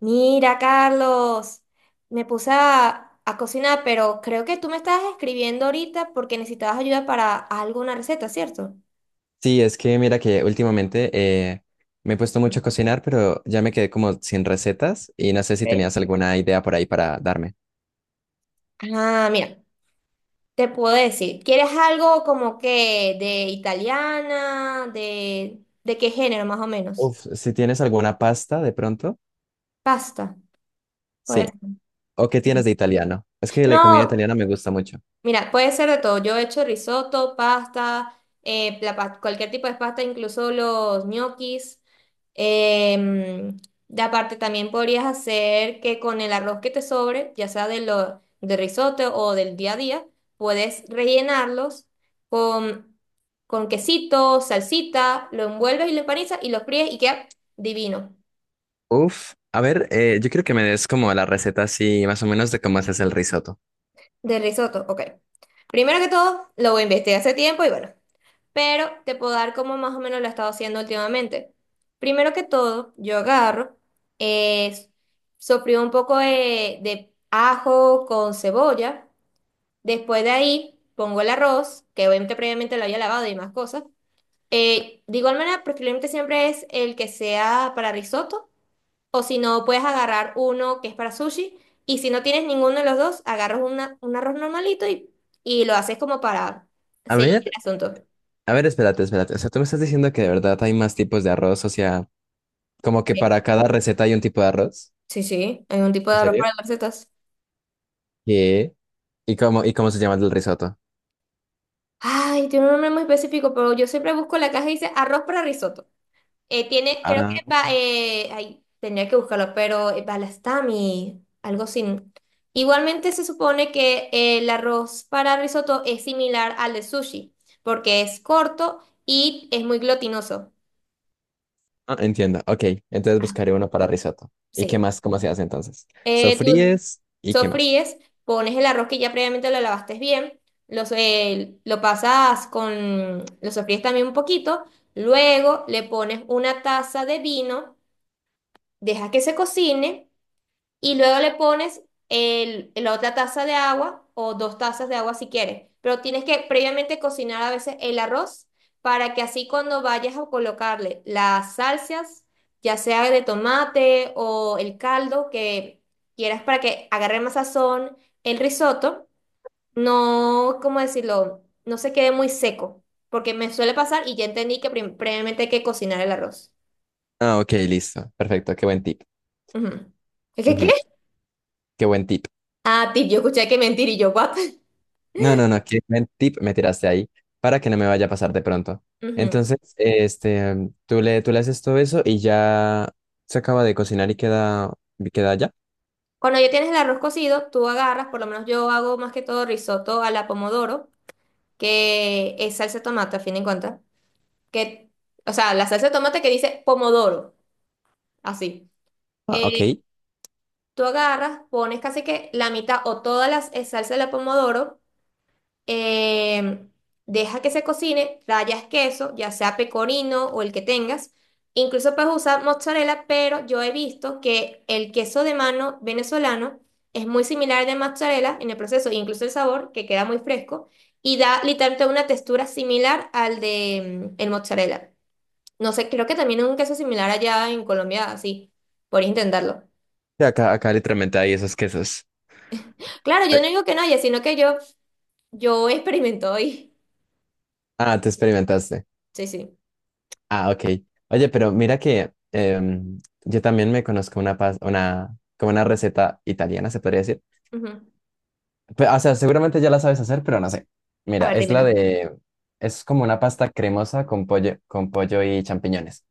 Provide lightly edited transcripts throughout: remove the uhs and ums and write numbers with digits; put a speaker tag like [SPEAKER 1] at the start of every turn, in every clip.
[SPEAKER 1] Mira, Carlos, me puse a cocinar, pero creo que tú me estabas escribiendo ahorita porque necesitabas ayuda para alguna receta, ¿cierto?
[SPEAKER 2] Sí, es que mira que últimamente me he puesto mucho a cocinar, pero ya me quedé como sin recetas y no sé si
[SPEAKER 1] ¿Ok?
[SPEAKER 2] tenías alguna idea por ahí para darme.
[SPEAKER 1] Ah, mira, te puedo decir, ¿quieres algo como que de italiana, de qué género más o menos?
[SPEAKER 2] Uf, si tienes alguna pasta de pronto,
[SPEAKER 1] Pasta, puede
[SPEAKER 2] sí.
[SPEAKER 1] ser.
[SPEAKER 2] ¿O qué tienes
[SPEAKER 1] Sí.
[SPEAKER 2] de italiano? Es que la comida
[SPEAKER 1] No,
[SPEAKER 2] italiana me gusta mucho.
[SPEAKER 1] mira, puede ser de todo. Yo he hecho risotto, pasta, cualquier tipo de pasta, incluso los ñoquis. Em, de aparte, también podrías hacer que con el arroz que te sobre, ya sea de lo, de risotto o del día a día, puedes rellenarlos con, con quesito, salsita, lo envuelves y lo empanizas y lo fríes y queda divino.
[SPEAKER 2] Uf, a ver, yo quiero que me des como la receta así, más o menos de cómo haces el risotto.
[SPEAKER 1] De risotto, ok. Primero que todo, lo investigué hace tiempo y bueno, pero te puedo dar como más o menos lo he estado haciendo últimamente. Primero que todo, yo agarro, es, sofrío un poco de ajo con cebolla, después de ahí pongo el arroz, que obviamente previamente lo había lavado y más cosas. De igual manera, preferiblemente siempre es el que sea para risotto, o si no, puedes agarrar uno que es para sushi, y si no tienes ninguno de los dos, agarras un arroz normalito y lo haces como para
[SPEAKER 2] A
[SPEAKER 1] seguir
[SPEAKER 2] ver,
[SPEAKER 1] el asunto. ¿Ok?
[SPEAKER 2] a ver, espérate, espérate. O sea, tú me estás diciendo que de verdad hay más tipos de arroz, o sea, como que para cada receta hay un tipo de arroz.
[SPEAKER 1] Sí, sí, hay un tipo de
[SPEAKER 2] ¿En
[SPEAKER 1] arroz para
[SPEAKER 2] serio?
[SPEAKER 1] las recetas.
[SPEAKER 2] ¿Qué? Y cómo se llama el risotto?
[SPEAKER 1] Ay, tiene un nombre muy específico, pero yo siempre busco la caja y dice arroz para risotto. Tiene, creo que
[SPEAKER 2] Ah,
[SPEAKER 1] va, ay, tendría que buscarlo, pero balastami, algo sin. Igualmente se supone que el arroz para risotto es similar al de sushi, porque es corto y es muy glutinoso.
[SPEAKER 2] ah, entiendo. Ok, entonces
[SPEAKER 1] Ah,
[SPEAKER 2] buscaré uno para risotto. ¿Y qué
[SPEAKER 1] sí.
[SPEAKER 2] más? ¿Cómo se hace entonces?
[SPEAKER 1] ¿Tú,
[SPEAKER 2] Sofríes y qué más.
[SPEAKER 1] sofríes, pones el arroz que ya previamente lo lavaste bien, los, lo pasas con, lo sofríes también un poquito, luego le pones una taza de vino, dejas que se cocine y luego le pones el, la otra taza de agua o dos tazas de agua si quieres. Pero tienes que previamente cocinar a veces el arroz para que así cuando vayas a colocarle las salsas, ya sea de tomate o el caldo que quieras para que agarre más sazón, el risotto, no, ¿cómo decirlo? No se quede muy seco, porque me suele pasar y ya entendí que previamente hay que cocinar el arroz.
[SPEAKER 2] Ah, ok, listo. Perfecto, qué buen tip.
[SPEAKER 1] Ujú. ¿Qué, qué, qué?
[SPEAKER 2] Ujú, qué buen tip.
[SPEAKER 1] Ah, tip, yo escuché que mentir y yo, what?
[SPEAKER 2] No, no, no, qué buen tip me tiraste ahí para que no me vaya a pasar de pronto.
[SPEAKER 1] Ujú.
[SPEAKER 2] Entonces, este, tú le haces todo eso y ya se acaba de cocinar y queda ya.
[SPEAKER 1] Cuando ya tienes el arroz cocido, tú agarras, por lo menos yo hago más que todo risotto a la pomodoro, que es salsa de tomate, a fin de cuentas. Que, o sea, la salsa de tomate que dice pomodoro, así.
[SPEAKER 2] Ah, ok.
[SPEAKER 1] Eh,
[SPEAKER 2] Sí.
[SPEAKER 1] tú agarras, pones casi que la mitad o toda la salsa de la pomodoro. Em, Deja que se cocine, rayas queso, ya sea pecorino o el que tengas. Incluso puedes usar mozzarella, pero yo he visto que el queso de mano venezolano es muy similar al de mozzarella en el proceso, incluso el sabor, que queda muy fresco, y da literalmente una textura similar al de el mozzarella. No sé, creo que también es un queso similar allá en Colombia, así, por intentarlo.
[SPEAKER 2] Acá, acá literalmente hay esos quesos.
[SPEAKER 1] Claro, yo
[SPEAKER 2] Eh,
[SPEAKER 1] no digo que no haya, sino que yo experimento hoy.
[SPEAKER 2] Ah, te experimentaste.
[SPEAKER 1] Sí, sí.
[SPEAKER 2] Ah, ok. Oye, pero mira que yo también me conozco una, pas- una, como una receta italiana, se podría decir.
[SPEAKER 1] Ujú.
[SPEAKER 2] Pe- o sea, seguramente ya la sabes hacer, pero no sé.
[SPEAKER 1] A
[SPEAKER 2] Mira,
[SPEAKER 1] ver,
[SPEAKER 2] es la
[SPEAKER 1] dímela.
[SPEAKER 2] de, es como una pasta cremosa con pollo y champiñones.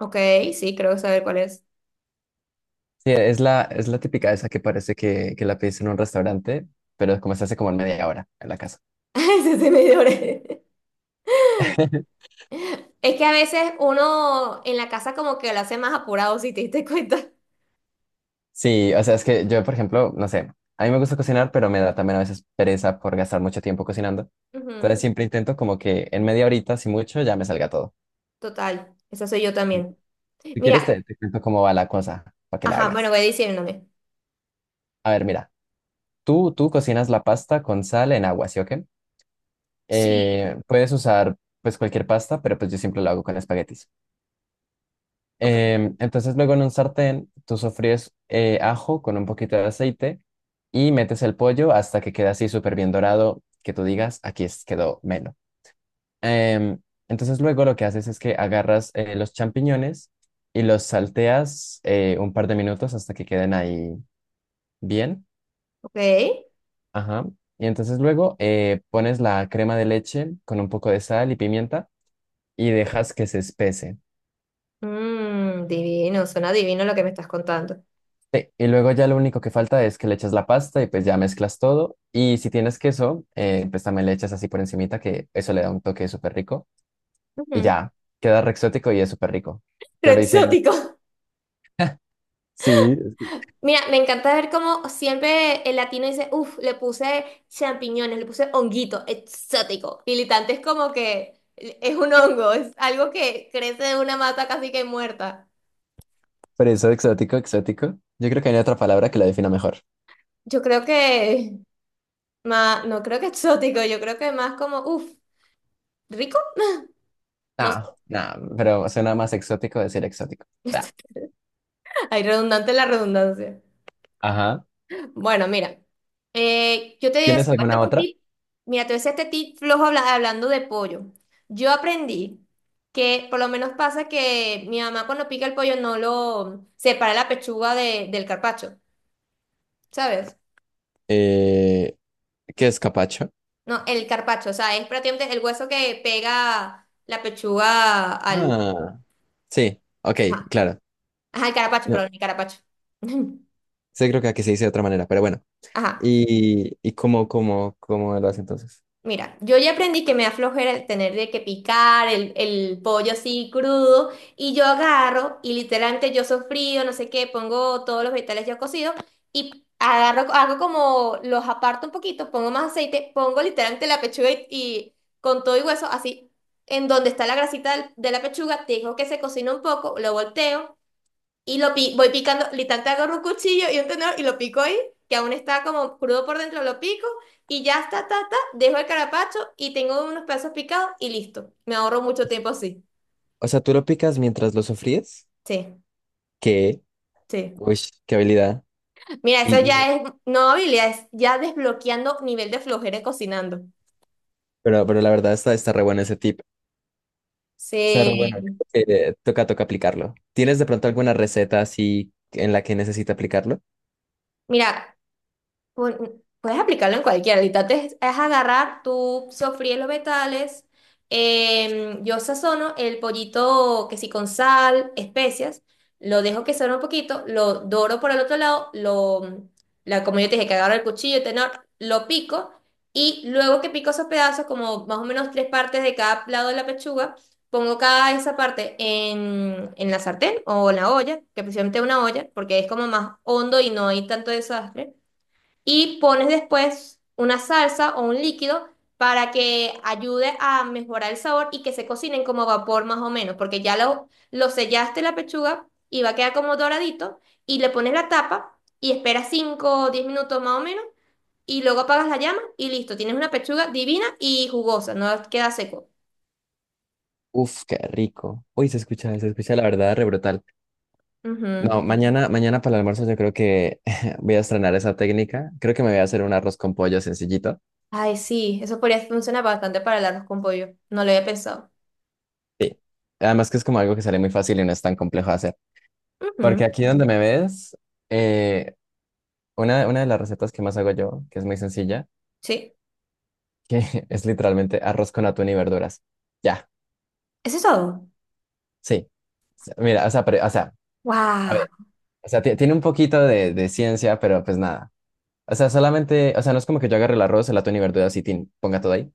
[SPEAKER 1] Ok, sí, creo saber cuál es.
[SPEAKER 2] Sí, e, es la típica esa que parece que la pides en un restaurante, pero como se hace como en media hora en la casa.
[SPEAKER 1] Ese se me dio breve. Es que a veces uno en la casa como que lo hace más apurado, si te diste cuenta.
[SPEAKER 2] Sí, o sea, es que yo, por ejemplo, no sé, a mí me gusta cocinar, pero me da también a veces pereza por gastar mucho tiempo cocinando.
[SPEAKER 1] Ujú,
[SPEAKER 2] Entonces siempre intento como que en media horita, si mucho, ya me salga todo.
[SPEAKER 1] total, esa soy yo
[SPEAKER 2] Sí.
[SPEAKER 1] también.
[SPEAKER 2] Si
[SPEAKER 1] Mira,
[SPEAKER 2] quieres, te cuento cómo va la cosa para que la
[SPEAKER 1] ajá, bueno,
[SPEAKER 2] hagas.
[SPEAKER 1] voy diciéndome.
[SPEAKER 2] A ver, mira, tú cocinas la pasta con sal en agua, ¿sí o qué?
[SPEAKER 1] Sí.
[SPEAKER 2] Puedes usar pues cualquier pasta, pero pues yo siempre lo hago con espaguetis.
[SPEAKER 1] Ok,
[SPEAKER 2] Entonces luego en un sartén tú sofríes ajo con un poquito de aceite y metes el pollo hasta que queda así súper bien dorado, que tú digas, aquí es- quedó melo. Em, entonces luego lo que haces es que agarras los champiñones y los salteas un par de minutos hasta que queden ahí bien.
[SPEAKER 1] ok.
[SPEAKER 2] Ajá. Y entonces luego pones la crema de leche con un poco de sal y pimienta y dejas que se espese.
[SPEAKER 1] Mm, divino, suena divino lo que me estás contando.
[SPEAKER 2] Sí, y luego ya lo único que falta es que le eches la pasta y pues ya mezclas todo. Y si tienes queso, pues también le echas así por encimita, que eso le da un toque súper rico. Y
[SPEAKER 1] Ujú,
[SPEAKER 2] ya, queda re exótico y es súper rico.
[SPEAKER 1] pero
[SPEAKER 2] Yo lo hice en...
[SPEAKER 1] exótico.
[SPEAKER 2] Sí, sí,
[SPEAKER 1] Mira, me encanta ver cómo siempre el latino dice, uff, le puse champiñones, le puse honguito, exótico. Militante es como que es un hongo, es algo que crece de una mata casi que muerta.
[SPEAKER 2] por eso exótico, exótico. Yo creo que hay otra palabra que lo defina mejor.
[SPEAKER 1] Yo creo que, no creo que exótico, yo creo que más como, uff, rico. No sé,
[SPEAKER 2] Ah no, pero suena más exótico decir exótico. Ah,
[SPEAKER 1] hay redundante la redundancia.
[SPEAKER 2] ajá.
[SPEAKER 1] Bueno, mira, yo te digo,
[SPEAKER 2] ¿Tienes
[SPEAKER 1] esto es
[SPEAKER 2] alguna
[SPEAKER 1] un
[SPEAKER 2] otra?
[SPEAKER 1] tip, mira, te voy a decir este tip flojo hablando de pollo. Yo aprendí que por lo menos pasa que mi mamá cuando pica el pollo no lo separa la pechuga del carpacho, ¿sabes?
[SPEAKER 2] Eh, ¿Qué es capacho?
[SPEAKER 1] No, el carpacho, o sea, es prácticamente el hueso que pega la pechuga al...
[SPEAKER 2] Ah, sí, ok,
[SPEAKER 1] Ajá,
[SPEAKER 2] claro.
[SPEAKER 1] ajá, el carapacho,
[SPEAKER 2] No,
[SPEAKER 1] perdón, el carapacho.
[SPEAKER 2] sí creo que aquí se dice de otra manera, pero bueno.
[SPEAKER 1] Ajá.
[SPEAKER 2] Y cómo, cómo, cómo lo hace entonces?
[SPEAKER 1] Mira, yo ya aprendí que me da flojera el tener de que picar el pollo así crudo y yo agarro y literalmente yo sofrío, no sé qué, pongo todos los vegetales ya cocidos y agarro, hago como los aparto un poquito, pongo más aceite, pongo literalmente la pechuga y con todo y hueso así, en donde está la grasita de la pechuga, dejo que se cocina un poco, lo volteo y voy picando, literal, te agarro un cuchillo y un tenedor y lo pico ahí, que aún está como crudo por dentro, lo pico y ya está, ta, ta, dejo el carapacho y tengo unos pedazos picados y listo. Me ahorro mucho tiempo así.
[SPEAKER 2] O sea, tú lo picas mientras lo sofríes.
[SPEAKER 1] Sí,
[SPEAKER 2] ¿Qué?
[SPEAKER 1] sí.
[SPEAKER 2] Uy, qué habilidad.
[SPEAKER 1] Mira, eso
[SPEAKER 2] Y, y-
[SPEAKER 1] ya es, no habilidad, es ya desbloqueando nivel de flojera cocinando.
[SPEAKER 2] pero la verdad está, está re bueno ese tip. Está re bueno.
[SPEAKER 1] Sí.
[SPEAKER 2] Toca, toca aplicarlo. ¿Tienes de pronto alguna receta así en la que necesite aplicarlo?
[SPEAKER 1] Mira, puedes aplicarlo en cualquiera. Ahorita es agarrar, tú sofríes los vegetales. Yo sazono el pollito que sí con sal, especias. Lo dejo que sazone un poquito. Lo doro por el otro lado. Lo, la, como yo te dije, que agarro el cuchillo, tenor, lo pico. Y luego que pico esos pedazos, como más o menos tres partes de cada lado de la pechuga, pongo cada esa parte en la sartén o en la olla, que precisamente una olla, porque es como más hondo y no hay tanto desastre y pones después una salsa o un líquido para que ayude a mejorar el sabor y que se cocinen como a vapor más o menos, porque ya lo sellaste la pechuga y va a quedar como doradito y le pones la tapa y esperas 5 o 10 minutos más o menos y luego apagas la llama y listo, tienes una pechuga divina y jugosa, no queda seco.
[SPEAKER 2] Uf, qué rico. Uy, se escucha la verdad re brutal.
[SPEAKER 1] Ujú.
[SPEAKER 2] No, mañana, mañana para el almuerzo yo creo que voy a estrenar esa técnica. Creo que me voy a hacer un arroz con pollo sencillito.
[SPEAKER 1] Ay, sí, eso podría funcionar bastante para el arroz con pollo, no lo había pensado.
[SPEAKER 2] Sí. Además que es como algo que sale muy fácil y no es tan complejo de hacer.
[SPEAKER 1] Ujú,
[SPEAKER 2] Porque aquí donde me ves, eh, una de las recetas que más hago yo, que es muy sencilla,
[SPEAKER 1] sí,
[SPEAKER 2] que es literalmente arroz con atún y verduras. Ya,
[SPEAKER 1] eso es todo.
[SPEAKER 2] sí. O sea, mira, o sea, pero- o sea, a
[SPEAKER 1] Wow.
[SPEAKER 2] ver, o sea, ti- tiene un poquito de ciencia, pero pues nada. O sea, solamente, o sea, no es como que yo agarre el arroz, el atún y verduras y tin, ponga todo ahí,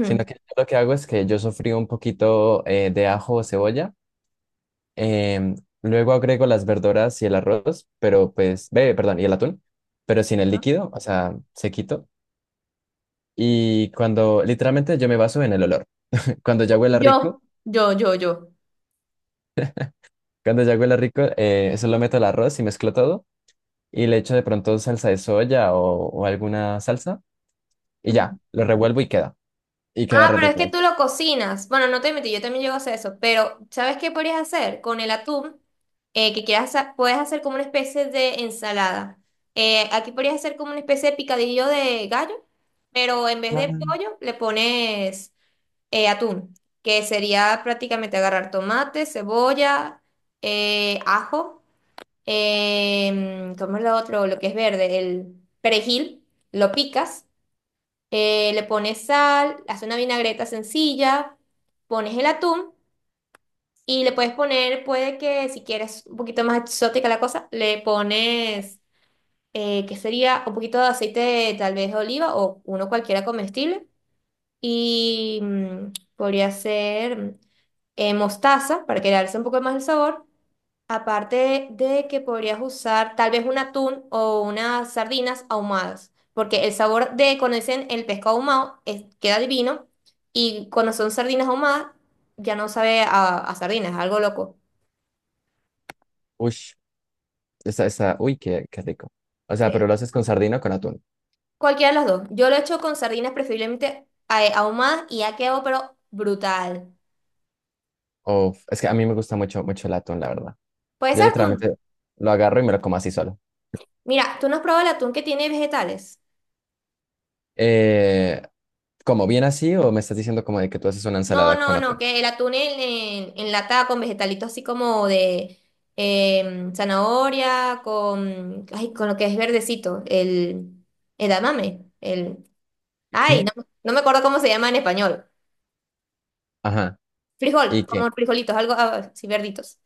[SPEAKER 2] sino que yo lo que hago es que yo sofrío un poquito de ajo o cebolla, em, luego agrego las verduras y el arroz, pero pues, ve, perdón, y el atún, pero sin el líquido, o sea, sequito. Y cuando, literalmente yo me baso en el olor. Cuando ya huela rico,
[SPEAKER 1] Yo.
[SPEAKER 2] cuando ya huela rico, solo meto el arroz y mezclo todo y le echo de pronto salsa de soya o alguna salsa y ya, lo revuelvo y queda. Y queda
[SPEAKER 1] Ah,
[SPEAKER 2] re
[SPEAKER 1] pero es que
[SPEAKER 2] rico.
[SPEAKER 1] tú lo cocinas. Bueno, no te metí, yo también llego a hacer eso. Pero, ¿sabes qué podrías hacer con el atún? Eh, que quieras hacer, puedes hacer como una especie de ensalada. Aquí podrías hacer como una especie de picadillo de gallo, pero en vez
[SPEAKER 2] Ah.
[SPEAKER 1] de pollo le pones atún, que sería prácticamente agarrar tomate, cebolla, ajo, ¿cómo es lo otro? Lo que es verde, el perejil, lo picas, le pones sal, haces una vinagreta sencilla, pones el atún y le puedes poner, puede que si quieres un poquito más exótica la cosa, le pones, que sería un poquito de aceite tal vez de oliva o uno cualquiera comestible y podría ser mostaza para que le alce un poco más el sabor. Aparte de que podrías usar tal vez un atún o unas sardinas ahumadas, porque el sabor de cuando dicen el pescado ahumado queda divino y cuando son sardinas ahumadas ya no sabe a sardinas, es algo loco.
[SPEAKER 2] Ush, esa, uy, qué, qué rico. O sea, pero
[SPEAKER 1] Sí.
[SPEAKER 2] lo haces con sardina o con atún.
[SPEAKER 1] Cualquiera de las dos. Yo lo he hecho con sardinas preferiblemente ahumadas y ha quedado pero brutal.
[SPEAKER 2] O, es que a mí me gusta mucho, mucho el atún, la verdad.
[SPEAKER 1] Puede
[SPEAKER 2] Yo
[SPEAKER 1] ser atún.
[SPEAKER 2] literalmente lo agarro y me lo como así solo.
[SPEAKER 1] Mira, ¿tú no has probado el atún que tiene vegetales?
[SPEAKER 2] Eh, ¿Como bien así o me estás diciendo como de que tú haces una
[SPEAKER 1] No,
[SPEAKER 2] ensalada con
[SPEAKER 1] no, no,
[SPEAKER 2] atún?
[SPEAKER 1] que el atún en, enlatado con vegetalitos así como de zanahoria, con, ay, con lo que es verdecito, el edamame, el, ay,
[SPEAKER 2] ¿Qué?
[SPEAKER 1] no, no me acuerdo cómo se llama en español.
[SPEAKER 2] Ajá. ¿Y
[SPEAKER 1] Frijol,
[SPEAKER 2] qué?
[SPEAKER 1] como frijolitos, algo así verditos.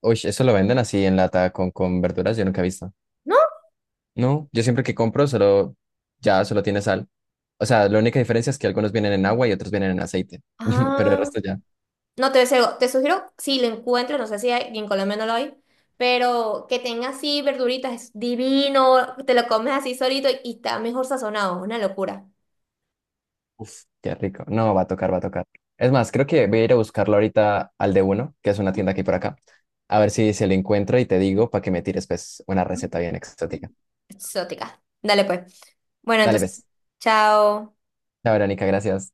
[SPEAKER 2] Uy, eso lo venden así en lata con verduras, yo nunca he visto.
[SPEAKER 1] ¿No?
[SPEAKER 2] No, yo siempre que compro solo, ya solo tiene sal. O sea, la única diferencia es que algunos vienen en agua y otros vienen en aceite. Pero el
[SPEAKER 1] Ah,
[SPEAKER 2] resto ya.
[SPEAKER 1] no, te, te sugiero, si lo encuentro, no sé si en Colombia no lo hay, pero que tenga así verduritas, es divino, te lo comes así solito y está mejor sazonado, una locura.
[SPEAKER 2] Uf, qué rico. No, va a tocar, va a tocar. Es más, creo que voy a ir a buscarlo ahorita al de uno, que es una tienda aquí por acá. A ver si se lo encuentro y te digo para que me tires pues una receta bien exótica.
[SPEAKER 1] Exótica. Dale pues. Bueno,
[SPEAKER 2] Dale,
[SPEAKER 1] entonces,
[SPEAKER 2] pues.
[SPEAKER 1] chao.
[SPEAKER 2] Chao, Verónica, gracias.